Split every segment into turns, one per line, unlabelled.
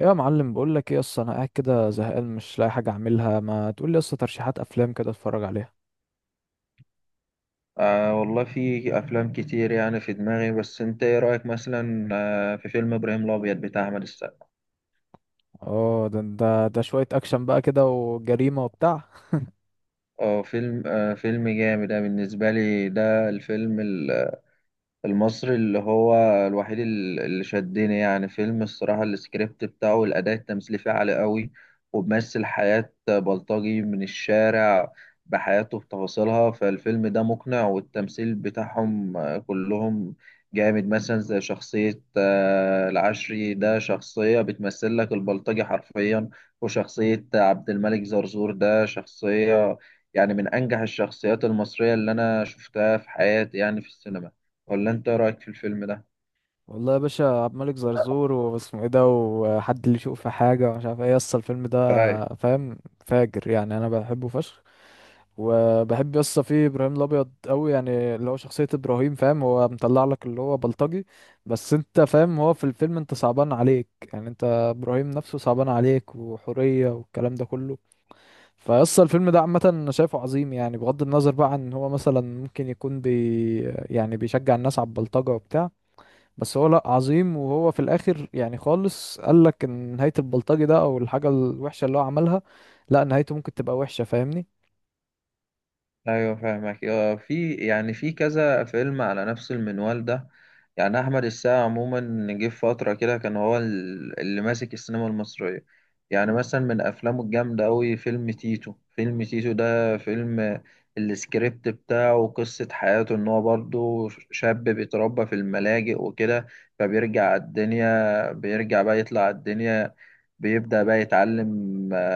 يا معلم، بقول لك ايه؟ اصل انا قاعد كده زهقان مش لاقي حاجه اعملها، ما تقول لي اصل ترشيحات افلام كده اتفرج عليها.
آه والله في أفلام كتير يعني في دماغي، بس أنت إيه رأيك مثلا في فيلم إبراهيم الأبيض بتاع أحمد السقا؟
اه، ده شويه اكشن بقى كده وجريمه وبتاع.
أه فيلم فيلم جامد. ده بالنسبة لي ده الفيلم المصري اللي هو الوحيد اللي شدني. يعني فيلم الصراحة السكريبت بتاعه والأداء التمثيلي فيه عالي قوي، وبيمثل حياة بلطجي من الشارع بحياته بتفاصيلها. فالفيلم ده مقنع، والتمثيل بتاعهم كلهم جامد. مثلا زي شخصية العشري، ده شخصية بتمثل لك البلطجي حرفيا. وشخصية عبد الملك زرزور ده شخصية يعني من أنجح الشخصيات المصرية اللي أنا شفتها في حياتي يعني في السينما. ولا انت إيه رايك في الفيلم ده؟
والله يا باشا، عبد الملك زرزور، واسمه ايه ده، وحد اللي يشوف في حاجه ومش عارف ايه اصل الفيلم ده.
اي.
فاهم؟ فاجر، يعني انا بحبه فشخ. وبحب يسطا فيه ابراهيم الابيض قوي، يعني اللي هو شخصيه ابراهيم، فاهم، هو مطلع لك اللي هو بلطجي. بس انت فاهم، هو في الفيلم انت صعبان عليك، يعني انت ابراهيم نفسه صعبان عليك وحوريه والكلام ده كله. فيسطا الفيلم ده عامه انا شايفه عظيم، يعني بغض النظر بقى عن ان هو مثلا ممكن يكون يعني بيشجع الناس على البلطجه وبتاع. بس هو لا، عظيم، وهو في الاخر يعني خالص قال لك ان نهايه البلطجي ده او الحاجه الوحشه اللي هو عملها، لا نهايته ممكن تبقى وحشه، فاهمني؟
ايوه فاهمك. في يعني في كذا فيلم على نفس المنوال ده. يعني احمد السقا عموما جه في فتره كده كان هو اللي ماسك السينما المصريه. يعني مثلا من افلامه الجامده قوي فيلم تيتو. فيلم تيتو ده فيلم السكريبت بتاعه قصه حياته ان هو برضه شاب بيتربى في الملاجئ وكده، فبيرجع على الدنيا، بيرجع بقى يطلع على الدنيا، بيبدأ بقى يتعلم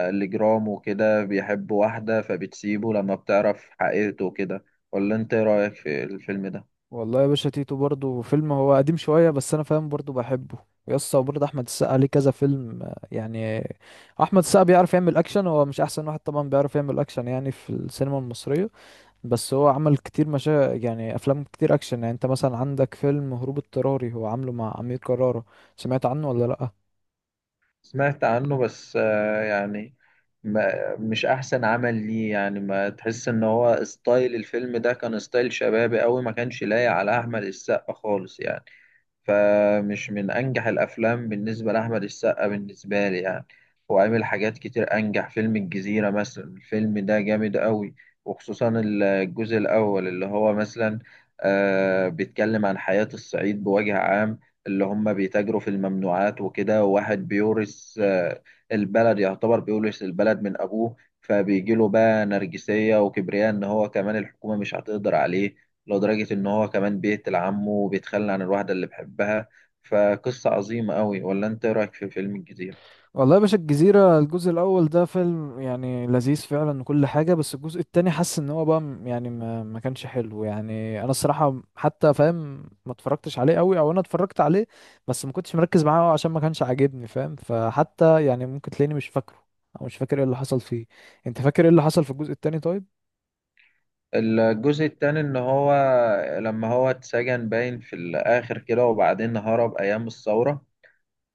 الجرام وكده، بيحب واحدة فبتسيبه لما بتعرف حقيقته وكده. ولا انت ايه رأيك في الفيلم ده؟
والله يا باشا، تيتو برضو فيلم هو قديم شوية، بس أنا فاهم برضو بحبه يسطا. وبرضه أحمد السقا ليه كذا فيلم، يعني أحمد السقا بيعرف يعمل أكشن. هو مش أحسن واحد طبعا بيعرف يعمل أكشن يعني في السينما المصرية، بس هو عمل كتير يعني أفلام كتير أكشن. يعني أنت مثلا عندك فيلم هروب اضطراري، هو عامله مع أمير كرارة، سمعت عنه ولا لأ؟
سمعت عنه، بس يعني ما مش احسن عمل ليه. يعني ما تحس ان هو ستايل الفيلم ده كان ستايل شبابي قوي، ما كانش لايق على احمد السقا خالص يعني. فمش من أنجح الأفلام بالنسبة لأحمد السقا بالنسبة لي يعني. هو عامل حاجات كتير أنجح. فيلم الجزيرة مثلا الفيلم ده جامد قوي، وخصوصا الجزء الأول اللي هو مثلا آه بيتكلم عن حياة الصعيد بوجه عام، اللي هم بيتاجروا في الممنوعات وكده، وواحد بيورث آه البلد، يعتبر بيورث البلد من أبوه، فبيجيله بقى نرجسية وكبرياء إن هو كمان الحكومة مش هتقدر عليه، لدرجة إن هو كمان بيقتل عمه وبيتخلى عن الواحدة اللي بيحبها. فقصة عظيمة أوي. ولا أنت إيه رأيك في فيلم الجزيرة؟
والله يا باشا، الجزيرة الجزء الأول ده فيلم يعني لذيذ فعلا وكل حاجة. بس الجزء التاني حاسس إن هو بقى يعني ما كانش حلو. يعني أنا الصراحة حتى فاهم ما اتفرجتش عليه أوي، أو أنا اتفرجت عليه بس ما كنتش مركز معاه أوي عشان ما كانش عاجبني، فاهم، فحتى يعني ممكن تلاقيني مش فاكره أو مش فاكر إيه اللي حصل فيه. أنت فاكر إيه اللي حصل في الجزء التاني طيب؟
الجزء التاني إن هو لما هو اتسجن باين في الآخر كده، وبعدين هرب أيام الثورة،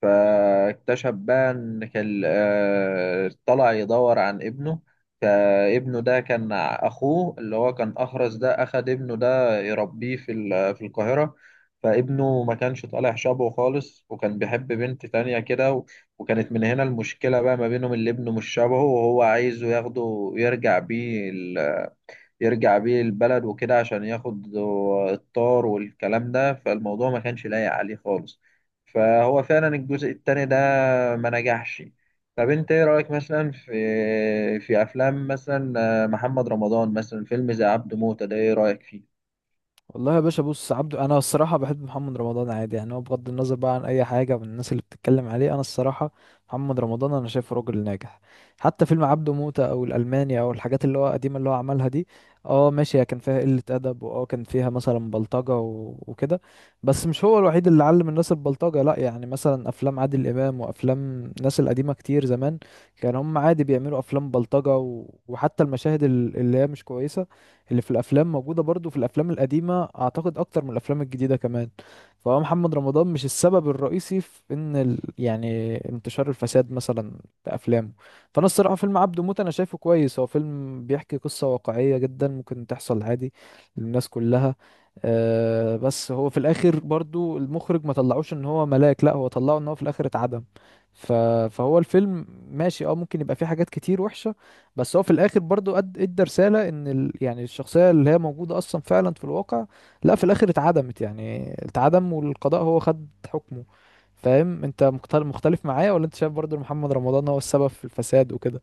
فاكتشف بقى ان كان طلع يدور عن ابنه. فابنه ده كان اخوه اللي هو كان اخرس، ده اخد ابنه ده يربيه في في القاهرة، فابنه ما كانش طالع شبهه خالص، وكان بيحب بنت تانية كده وكانت من هنا المشكلة بقى ما بينهم، اللي ابنه مش شبهه وهو عايزه ياخده يرجع بيه، يرجع بيه البلد وكده عشان ياخد الطار والكلام ده. فالموضوع ما كانش لايق عليه خالص. فهو فعلا الجزء التاني ده ما نجحش. طب انت ايه رأيك مثلا في في افلام مثلا محمد رمضان؟ مثلا فيلم زي عبده موتة ده، ايه رأيك فيه؟
والله يا باشا بص، عبده، انا الصراحه بحب محمد رمضان عادي، يعني هو بغض النظر بقى عن اي حاجه من الناس اللي بتتكلم عليه. انا الصراحه محمد رمضان انا شايفه راجل ناجح. حتى فيلم عبده موتة او الالماني او الحاجات اللي هو قديمه اللي هو عملها دي، اه ماشي هي كان فيها قله ادب، واه كان فيها مثلا بلطجه وكده. بس مش هو الوحيد اللي علم الناس البلطجه، لا، يعني مثلا افلام عادل امام وافلام الناس القديمه كتير زمان كان هم عادي بيعملوا افلام بلطجه وحتى المشاهد اللي هي مش كويسه اللي في الافلام موجوده برضو في الافلام القديمه، اعتقد اكتر من الافلام الجديده كمان. فهو محمد رمضان مش السبب الرئيسي في ان يعني انتشار الفساد مثلا في افلامه. فانا الصراحه فيلم عبده موت انا شايفه كويس. هو فيلم بيحكي قصه واقعيه جدا ممكن تحصل عادي للناس كلها. أه بس هو في الاخر برضو المخرج ما طلعوش ان هو ملاك، لا، هو طلعه ان هو في الاخر اتعدم، ف... فهو الفيلم ماشي، اه ممكن يبقى فيه حاجات كتير وحشة، بس هو في الاخر برضو قد ادى رساله ان يعني الشخصيه اللي هي موجوده اصلا فعلا في الواقع، لا، في الاخر اتعدمت، يعني اتعدم والقضاء هو خد حكمه. فاهم انت مختلف معايا ولا انت شايف برضو إن محمد رمضان هو السبب في الفساد وكده؟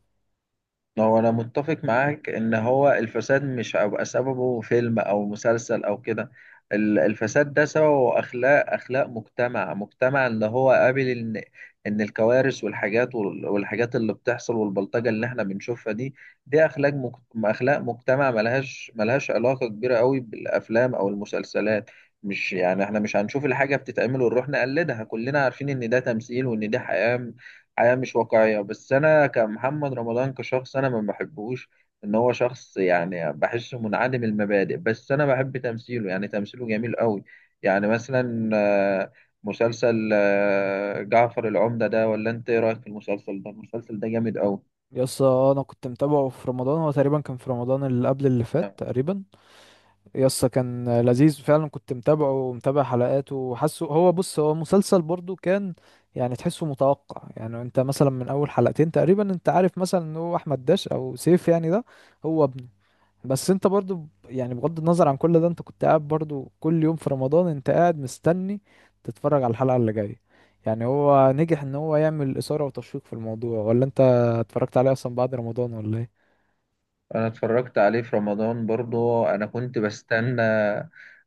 هو انا متفق معاك ان هو الفساد مش هيبقى سببه فيلم او مسلسل او كده. الفساد ده سببه اخلاق، اخلاق مجتمع، اللي هو قابل ان ان الكوارث والحاجات والحاجات اللي بتحصل والبلطجة اللي احنا بنشوفها دي، دي اخلاق اخلاق مجتمع، ملهاش علاقة كبيرة قوي بالافلام او المسلسلات. مش يعني احنا مش هنشوف الحاجة بتتعمل ونروح نقلدها، كلنا عارفين ان ده تمثيل وان دي حياة، مش واقعية. بس أنا كمحمد رمضان كشخص أنا ما بحبهوش، إن هو شخص يعني بحسه منعدم المبادئ، بس أنا بحب تمثيله، يعني تمثيله جميل قوي. يعني مثلا آه، مسلسل جعفر العمدة ده، ولا أنت إيه رأيك في المسلسل ده؟ المسلسل ده جامد قوي.
يس، انا كنت متابعه في رمضان. هو تقريبا كان في رمضان اللي قبل اللي فات تقريبا، يسا كان لذيذ فعلا. كنت متابعه ومتابع حلقاته وحاسه هو، بص، هو مسلسل برضو كان يعني تحسه متوقع. يعني انت مثلا من اول حلقتين تقريبا انت عارف مثلا ان هو احمد داش او سيف يعني ده هو ابنه. بس انت برضو يعني بغض النظر عن كل ده انت كنت قاعد برضو كل يوم في رمضان انت قاعد مستني تتفرج على الحلقة اللي جاية. يعني هو نجح ان هو يعمل اثارة وتشويق في الموضوع، ولا انت اتفرجت عليه اصلا بعد رمضان ولا ايه؟
انا اتفرجت عليه في رمضان برضه، انا كنت بستنى،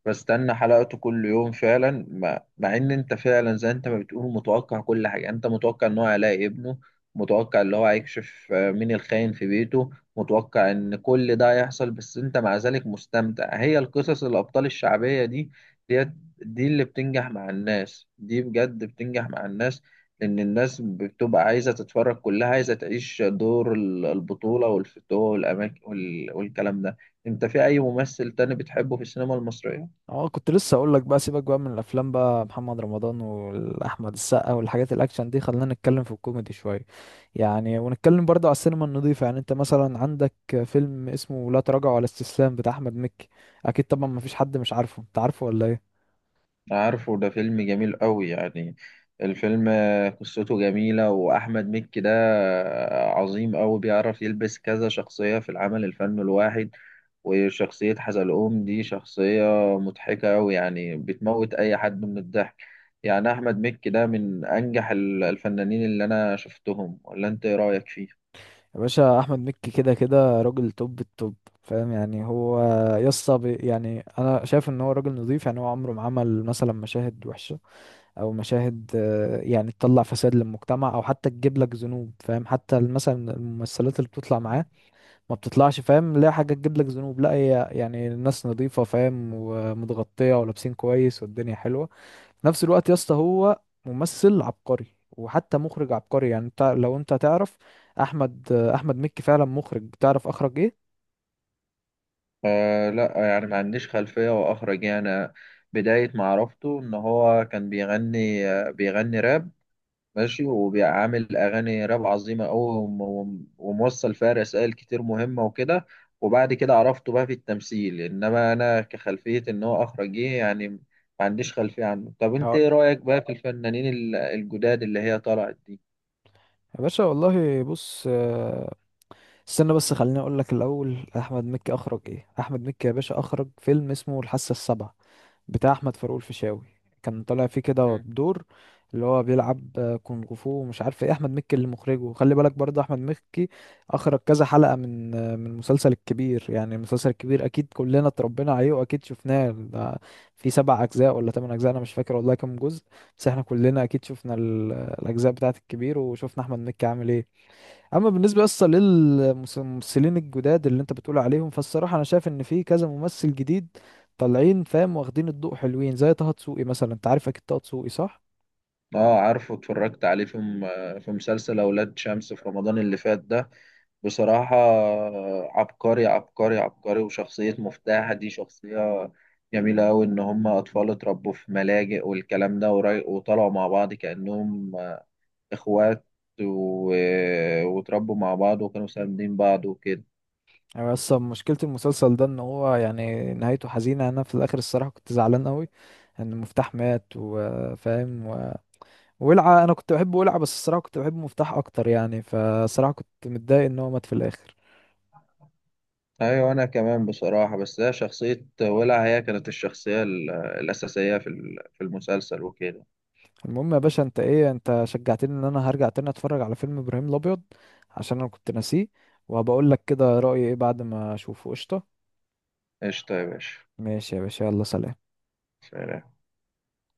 حلقته كل يوم فعلا. مع ان انت فعلا زي انت ما بتقول متوقع كل حاجه، انت متوقع ان هو هيلاقي ابنه، متوقع ان هو هيكشف مين الخاين في بيته، متوقع ان كل ده هيحصل، بس انت مع ذلك مستمتع. هي القصص الابطال الشعبيه دي، دي, دي اللي بتنجح مع الناس، دي بجد بتنجح مع الناس، لأن الناس بتبقى عايزة تتفرج، كلها عايزة تعيش دور البطولة والفتوة والأماكن والكلام ده. أنت في أي ممثل تاني بتحبه في السينما المصرية؟
اه، كنت لسه اقول لك بقى، سيبك بقى من الافلام بقى، محمد رمضان واحمد السقا والحاجات الاكشن دي، خلينا نتكلم في الكوميدي شويه، يعني ونتكلم برضه على السينما النظيفه. يعني انت مثلا عندك فيلم اسمه لا تراجع ولا استسلام بتاع احمد مكي، اكيد طبعا ما فيش حد مش عارفه، انت عارفه ولا ايه؟
عارفه، ده فيلم جميل قوي يعني. الفيلم قصته جميلة، وأحمد مكي ده عظيم قوي، بيعرف يلبس كذا شخصية في العمل الفني الواحد. وشخصية حزلقوم دي شخصية مضحكة قوي، يعني بتموت أي حد من الضحك. يعني أحمد مكي ده من أنجح الفنانين اللي أنا شفتهم. ولا أنت إيه رأيك فيه؟
يا باشا، احمد مكي كده كده راجل توب التوب. فاهم يعني هو يسطا، يعني انا شايف ان هو راجل نظيف. يعني هو عمره ما عمل مثلا مشاهد وحشه او مشاهد، يعني تطلع فساد للمجتمع او حتى تجيب لك ذنوب، فاهم، حتى مثلا الممثلات اللي بتطلع معاه ما بتطلعش، فاهم، لا حاجه تجيب لك ذنوب، لا هي يعني الناس نظيفه، فاهم، ومتغطيه ولابسين كويس والدنيا حلوه. في نفس الوقت يا اسطى هو ممثل عبقري، وحتى مخرج عبقري. يعني انت لو انت تعرف احمد مكي فعلا مخرج، تعرف اخرج ايه؟
آه لا، يعني ما عنديش خلفية وأخرج يعني. بداية معرفته إن هو كان بيغني بيغني راب، ماشي، وبيعمل أغاني راب عظيمة أوي، وموصل فيها رسائل كتير مهمة وكده. وبعد كده عرفته بقى في التمثيل، إنما أنا كخلفية إن هو أخرجي يعني ما عنديش خلفية عنه. طب أنت
اه
إيه رأيك بقى في الفنانين الجداد اللي هي طلعت دي؟
يا باشا، والله، بص، استنى بس خليني اقول لك الاول احمد مكي اخرج ايه. احمد مكي يا باشا اخرج فيلم اسمه الحاسه السابعه بتاع احمد فاروق الفيشاوي، كان طالع فيه كده
مم.
بدور اللي هو بيلعب كونغ فو ومش عارف ايه، احمد مكي اللي مخرجه. خلي بالك برضه، احمد مكي اخرج كذا حلقه من المسلسل الكبير. يعني المسلسل الكبير اكيد كلنا اتربينا عليه واكيد شفناه ده، في سبع اجزاء ولا ثمان اجزاء انا مش فاكر والله كام جزء. بس احنا كلنا اكيد شفنا الاجزاء بتاعه الكبير وشفنا احمد مكي عامل ايه. اما بالنسبه اصلا للممثلين الجداد اللي انت بتقول عليهم، فالصراحه انا شايف ان في كذا ممثل جديد طالعين، فاهم، واخدين الضوء، حلوين زي طه دسوقي مثلا، انت عارف اكيد طه دسوقي صح؟
آه عارفه، اتفرجت عليه في في مسلسل أولاد شمس في رمضان اللي فات ده. بصراحة عبقري، عبقري، عبقري. وشخصية مفتاح دي شخصية جميلة أوي، إن هما أطفال اتربوا في ملاجئ والكلام ده وطلعوا مع بعض كأنهم إخوات و... واتربوا مع بعض وكانوا ساندين بعض وكده.
يعني اصلا مشكله المسلسل ده ان هو يعني نهايته حزينه. انا في الاخر الصراحه كنت زعلان قوي ان مفتاح مات، وفاهم ولعه. انا كنت بحب ولعه بس الصراحه كنت بحب مفتاح اكتر، يعني فصراحه كنت متضايق ان هو مات في الاخر.
أيوة أنا كمان بصراحة. بس هي شخصية ولع هي كانت الشخصية الأساسية في في المسلسل وكده.
المهم يا باشا، انت ايه، انت شجعتني ان انا هرجع تاني اتفرج على فيلم ابراهيم الابيض عشان انا كنت ناسيه، وهبقول لك كده رأيي ايه بعد ما اشوفه. قشطة.
قشطة يا باشا.
ماشي يا باشا، يلا سلام.
سلام.